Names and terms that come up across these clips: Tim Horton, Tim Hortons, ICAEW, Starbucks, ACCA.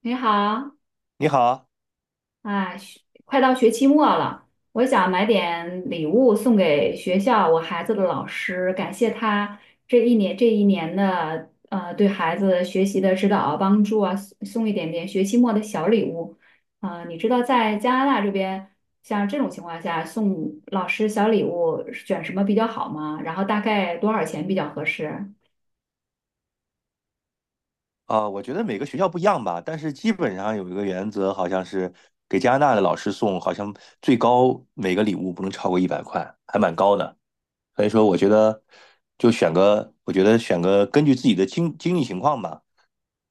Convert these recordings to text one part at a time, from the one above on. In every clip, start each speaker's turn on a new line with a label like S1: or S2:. S1: 你好，
S2: 你好，
S1: 啊，快到学期末了。我想买点礼物送给学校我孩子的老师，感谢他这一年的对孩子学习的指导啊帮助啊，送一点点学期末的小礼物。啊、你知道在加拿大这边，像这种情况下送老师小礼物选什么比较好吗？然后大概多少钱比较合适？
S2: 啊，我觉得每个学校不一样吧，但是基本上有一个原则，好像是给加拿大的老师送，好像最高每个礼物不能超过一百块，还蛮高的。所以说，我觉得就选个，我觉得选个根据自己的经济情况吧，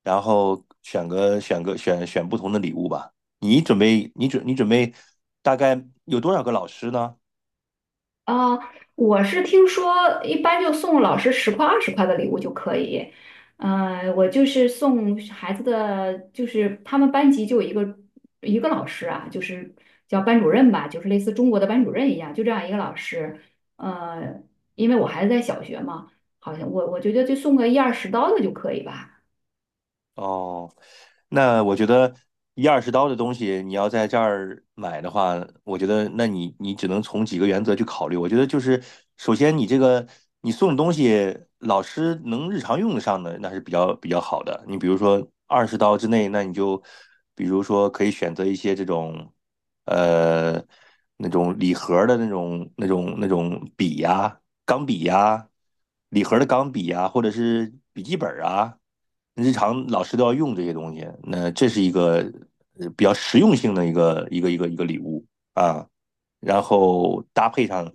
S2: 然后选个选个选选不同的礼物吧。你准备大概有多少个老师呢？
S1: 啊，我是听说一般就送老师10块20块的礼物就可以。我就是送孩子的，就是他们班级就有一个老师啊，就是叫班主任吧，就是类似中国的班主任一样，就这样一个老师。呃，因为我孩子在小学嘛，好像我觉得就送个一二十刀的就可以吧。
S2: 哦，那我觉得一二十刀的东西，你要在这儿买的话，我觉得那你只能从几个原则去考虑。我觉得就是，首先你这个你送的东西，老师能日常用得上的，那是比较好的。你比如说二十刀之内，那你就比如说可以选择一些这种呃那种礼盒的那种笔呀、钢笔呀、礼盒的钢笔呀，或者是笔记本啊。日常老师都要用这些东西，那这是一个比较实用性的一个礼物啊。然后搭配上，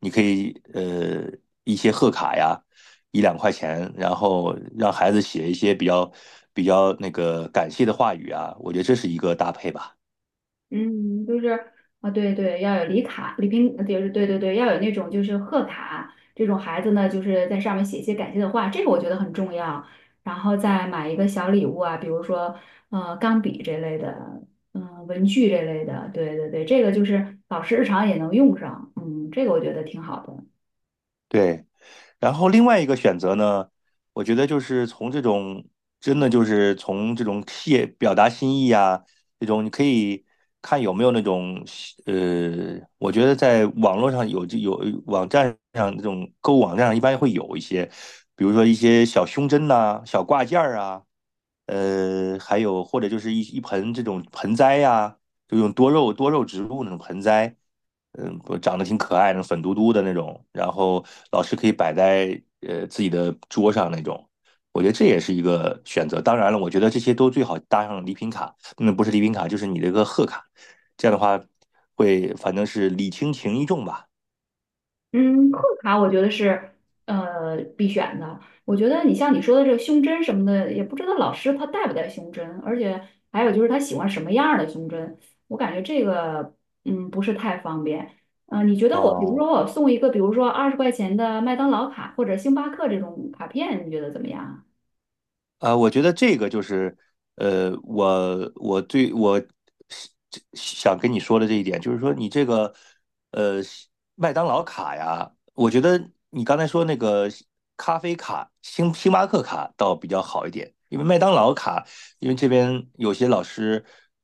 S2: 你可以一些贺卡呀，一两块钱，然后让孩子写一些比较那个感谢的话语啊，我觉得这是一个搭配吧。
S1: 嗯，就是啊，对对，要有礼卡、礼品，就是对对对，要有那种就是贺卡，这种孩子呢，就是在上面写一些感谢的话，这个我觉得很重要。然后再买一个小礼物啊，比如说钢笔这类的，嗯、文具这类的，对对对，这个就是老师日常也能用上，嗯，这个我觉得挺好的。
S2: 对，然后另外一个选择呢，我觉得就是从这种真的就是从这种表达心意啊，这种你可以看有没有那种我觉得在网络上有网站上这种购物网站上一般会有一些，比如说一些小胸针呐、小挂件儿啊，还有或者就是一盆这种盆栽呀、就用多肉植物那种盆栽。长得挺可爱的，粉嘟嘟的那种，然后老师可以摆在自己的桌上那种，我觉得这也是一个选择。当然了，我觉得这些都最好搭上礼品卡，那不是礼品卡，就是你这个贺卡，这样的话会反正是礼轻情意重吧。
S1: 嗯，贺卡我觉得是必选的。我觉得你像你说的这个胸针什么的，也不知道老师他带不带胸针，而且还有就是他喜欢什么样儿的胸针，我感觉这个不是太方便。嗯、你觉得我比如
S2: 哦，
S1: 说我送一个，比如说20块钱的麦当劳卡或者星巴克这种卡片，你觉得怎么样啊？
S2: 我觉得这个就是，我是这想跟你说的这一点，就是说你这个，呃，麦当劳卡呀，我觉得你刚才说那个咖啡卡、星巴克卡倒比较好一点，因为麦当劳卡，因为这边有些老师，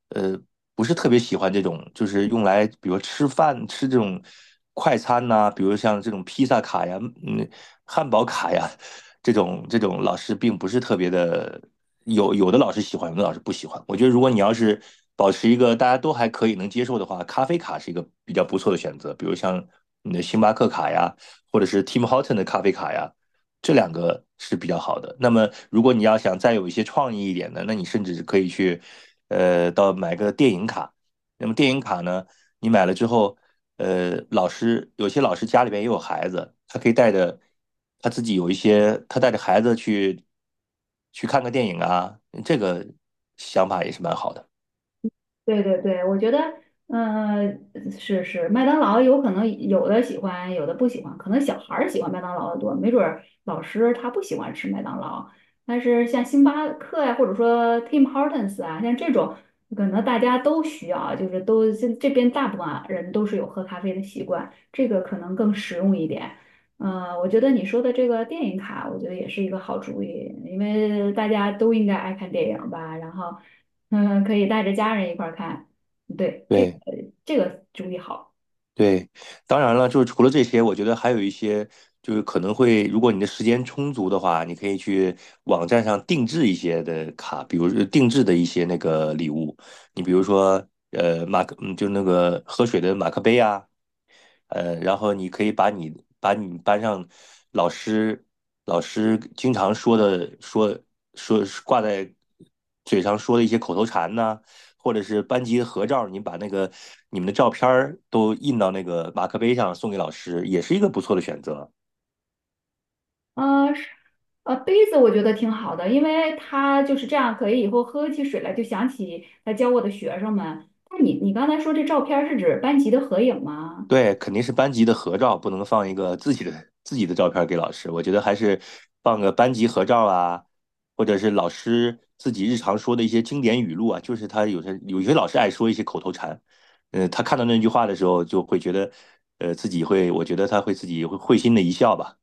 S2: 呃，不是特别喜欢这种，就是用来比如吃饭吃这种快餐呐、比如像这种披萨卡呀，嗯，汉堡卡呀。这种老师并不是特别的，有的老师喜欢，有的老师不喜欢。我觉得如果你要是保持一个大家都还可以能接受的话，咖啡卡是一个比较不错的选择，比如像你的星巴克卡呀，或者是 Tim Horton 的咖啡卡呀，这两个是比较好的。那么如果你要想再有一些创意一点的，那你甚至可以去买个电影卡。那么电影卡呢？你买了之后，有些老师家里边也有孩子，他可以带着他自己有一些，他带着孩子去看个电影啊，这个想法也是蛮好的。
S1: 对对对，我觉得，嗯、是是，麦当劳有可能有的喜欢，有的不喜欢，可能小孩儿喜欢麦当劳的多，没准儿老师他不喜欢吃麦当劳。但是像星巴克呀、或者说 Tim Hortons 啊，像这种，可能大家都需要，就是都这边大部分啊人都是有喝咖啡的习惯，这个可能更实用一点。嗯、我觉得你说的这个电影卡，我觉得也是一个好主意，因为大家都应该爱看电影吧，然后。嗯，可以带着家人一块儿看。对，这个
S2: 对
S1: 这个主意好。
S2: 对，当然了，就是除了这些，我觉得还有一些，就是可能会，如果你的时间充足的话，你可以去网站上定制一些的卡，比如说定制的一些那个礼物，你比如说，马克，就那个喝水的马克杯啊，然后你可以把你班上老师老师经常说的说挂在嘴上说的一些口头禅呐、或者是班级合照，你把那个你们的照片儿都印到那个马克杯上送给老师，也是一个不错的选择。
S1: 是，杯子我觉得挺好的，因为它就是这样，可以以后喝起水来就想起来教我的学生们。那你刚才说这照片儿是指班级的合影吗？
S2: 对，肯定是班级的合照，不能放一个自己的照片给老师。我觉得还是放个班级合照啊，或者是老师自己日常说的一些经典语录啊。就是他有些老师爱说一些口头禅，他看到那句话的时候，就会觉得，自己会，我觉得他会自己会心的一笑吧。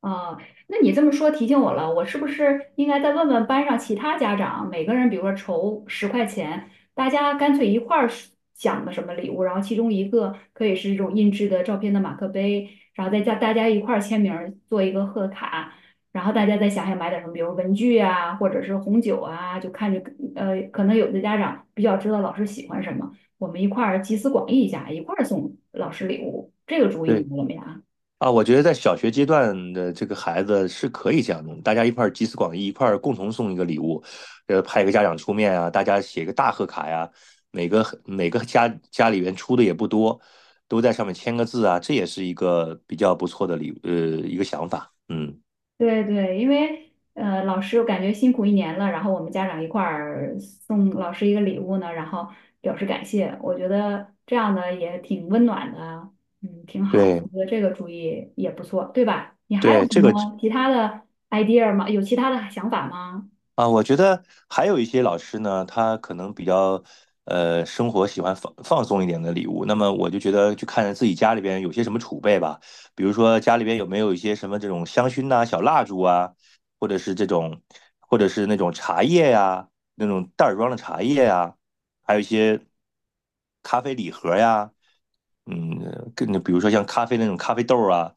S1: 啊，那你这么说提醒我了，我是不是应该再问问班上其他家长，每个人比如说筹十块钱，大家干脆一块儿是想个什么礼物，然后其中一个可以是这种印制的照片的马克杯，然后再加大家一块儿签名儿做一个贺卡，然后大家再想想买点什么，比如文具啊，或者是红酒啊，就看着可能有的家长比较知道老师喜欢什么，我们一块儿集思广益一下，一块儿送老师礼物，这个主意你
S2: 对。
S1: 怎么样？
S2: 啊，我觉得在小学阶段的这个孩子是可以这样弄，大家一块儿集思广益，一块儿共同送一个礼物，派一个家长出面啊，大家写个大贺卡呀，每个家里边出的也不多，都在上面签个字啊，这也是一个比较不错的一个想法。嗯，
S1: 对对，因为老师我感觉辛苦一年了，然后我们家长一块儿送老师一个礼物呢，然后表示感谢，我觉得这样的也挺温暖的，嗯，挺好，
S2: 对
S1: 我觉得这个主意也不错，对吧？你还有
S2: 对，
S1: 什
S2: 这个
S1: 么其他的 idea 吗？有其他的想法吗？
S2: 啊，我觉得还有一些老师呢，他可能比较生活喜欢放松一点的礼物。那么我就觉得去看自己家里边有些什么储备吧，比如说家里边有没有一些什么这种香薰呐、小蜡烛啊，或者是这种，或者是那种茶叶呀、那种袋儿装的茶叶呀、还有一些咖啡礼盒呀、跟比如说像咖啡那种咖啡豆啊，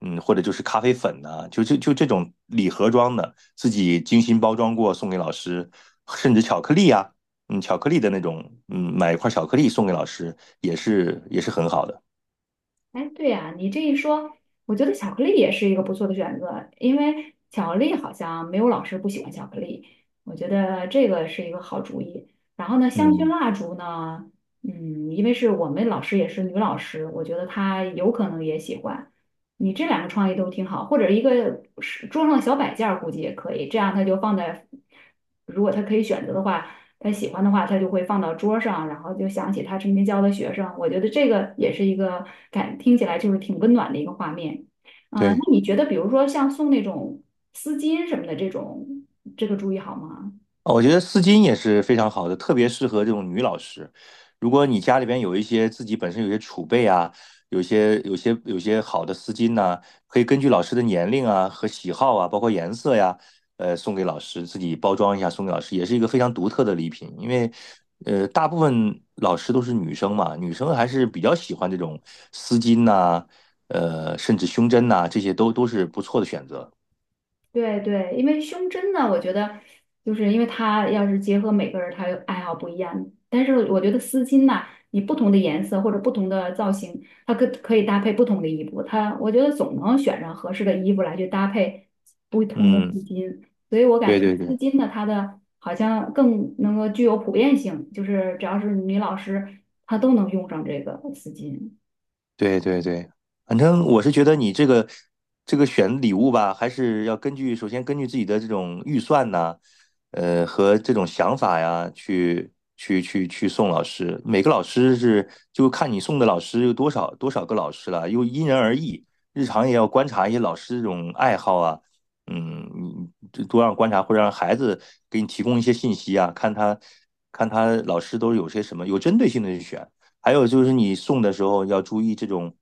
S2: 或者就是咖啡粉呐、就这种礼盒装的，自己精心包装过送给老师，甚至巧克力啊，巧克力的那种，买一块巧克力送给老师也是很好的。
S1: 哎，对呀，你这一说，我觉得巧克力也是一个不错的选择，因为巧克力好像没有老师不喜欢巧克力，我觉得这个是一个好主意。然后呢，香薰
S2: 嗯，
S1: 蜡烛呢，嗯，因为是我们老师也是女老师，我觉得她有可能也喜欢。你这两个创意都挺好，或者一个是桌上的小摆件儿估计也可以，这样他就放在，如果他可以选择的话。他喜欢的话，他就会放到桌上，然后就想起他曾经教的学生。我觉得这个也是一个感，听起来就是挺温暖的一个画面。啊、那
S2: 对，
S1: 你觉得，比如说像送那种丝巾什么的这种，这个主意好吗？
S2: 我觉得丝巾也是非常好的，特别适合这种女老师。如果你家里边有一些自己本身有些储备啊，有些好的丝巾呐、可以根据老师的年龄啊和喜好啊，包括颜色呀，送给老师自己包装一下送给老师，也是一个非常独特的礼品。因为大部分老师都是女生嘛，女生还是比较喜欢这种丝巾呐、甚至胸针呐、这些都是不错的选择。
S1: 对对，因为胸针呢，我觉得就是因为它要是结合每个人，他有爱好不一样。但是我觉得丝巾呐、你不同的颜色或者不同的造型，它可以搭配不同的衣服。它我觉得总能选上合适的衣服来去搭配不同的
S2: 嗯，
S1: 丝巾。所以我感
S2: 对
S1: 觉
S2: 对
S1: 丝
S2: 对。
S1: 巾呢，它的好像更能够具有普遍性，就是只要是女老师，她都能用上这个丝巾。
S2: 对对对，反正我是觉得你这个选礼物吧，还是要根据首先根据自己的这种预算呐、和这种想法呀，去送老师。每个老师是就看你送的老师有多少个老师了，又因人而异。日常也要观察一些老师这种爱好啊，你这多让观察或者让孩子给你提供一些信息啊，看他老师都有些什么，有针对性的去选。还有就是你送的时候要注意这种，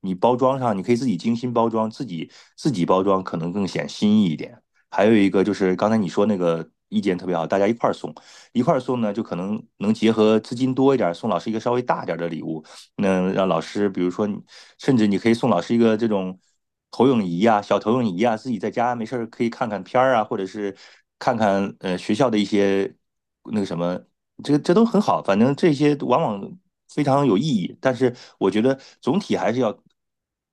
S2: 你包装上你可以自己精心包装，自己包装可能更显心意一点。还有一个就是刚才你说那个意见特别好，大家一块儿送，一块儿送呢，就可能能结合资金多一点送老师一个稍微大点的礼物，那让老师，比如说甚至你可以送老师一个这种投影仪啊，小投影仪啊，自己在家没事儿可以看看片儿啊，或者是看看学校的一些那个什么，这都很好，反正这些往往非常有意义。但是我觉得总体还是要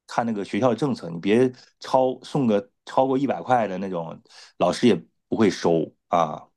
S2: 看那个学校的政策，你别送个超过一百块的那种，老师也不会收啊。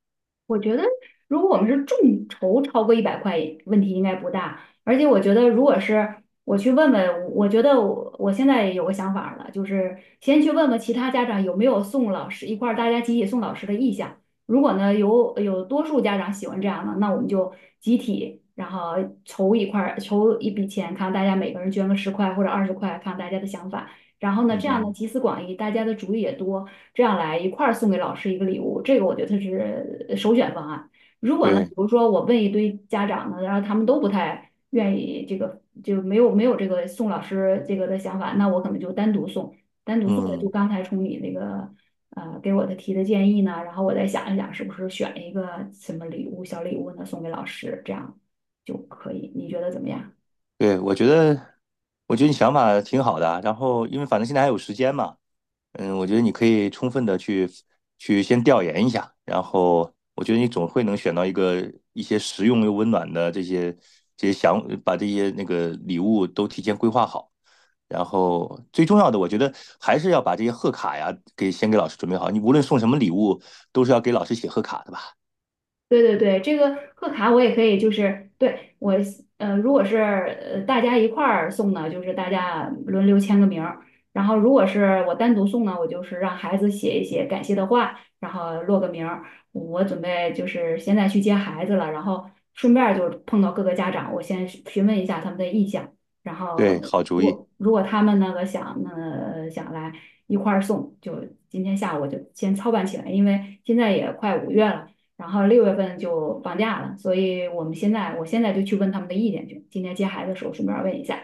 S1: 我觉得，如果我们是众筹超过100块，问题应该不大。而且我觉得，如果是我去问问，我觉得我现在有个想法儿了，就是先去问问其他家长有没有送老师一块儿大家集体送老师的意向。如果呢有多数家长喜欢这样的，那我们就集体然后筹一块儿筹一笔钱，看大家每个人捐个十块或者二十块，看大家的想法。然后呢，
S2: 嗯
S1: 这样呢
S2: 哼，
S1: 集思广益，大家的主意也多，这样来一块儿送给老师一个礼物，这个我觉得是首选方案。如果呢，比
S2: 对
S1: 如说我问一堆家长呢，然后他们都不太愿意这个，就没有没有这个送老师这个的想法，那我可能就单独送，单独送的就
S2: 嗯，
S1: 刚才从你那个给我的提的建议呢，然后我再想一想是不是选一个什么礼物小礼物呢送给老师，这样就可以，你觉得怎么样？
S2: 对，我觉得你想法挺好的啊然后因为反正现在还有时间嘛，我觉得你可以充分的去先调研一下，然后我觉得你总会能选到一个一些实用又温暖的这些想把这些那个礼物都提前规划好，然后最重要的，我觉得还是要把这些贺卡呀给先给老师准备好，你无论送什么礼物，都是要给老师写贺卡的吧？
S1: 对对对，这个贺卡我也可以，就是对我如果是大家一块儿送呢，就是大家轮流签个名儿；然后如果是我单独送呢，我就是让孩子写一写感谢的话，然后落个名儿。我准备就是现在去接孩子了，然后顺便儿就碰到各个家长，我先询问一下他们的意向，然后
S2: 对，好主意，
S1: 我如果他们那个想来一块儿送，就今天下午我就先操办起来，因为现在也快5月了。然后6月份就放假了，所以我现在就去问他们的意见去。今天接孩子的时候顺便问一下，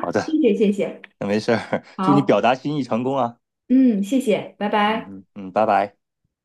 S2: 好
S1: 谢
S2: 的，
S1: 谢谢谢，
S2: 那没事儿，祝你
S1: 好，
S2: 表达心意成功啊，
S1: 嗯，谢谢，拜
S2: 嗯
S1: 拜。
S2: 嗯嗯，拜拜。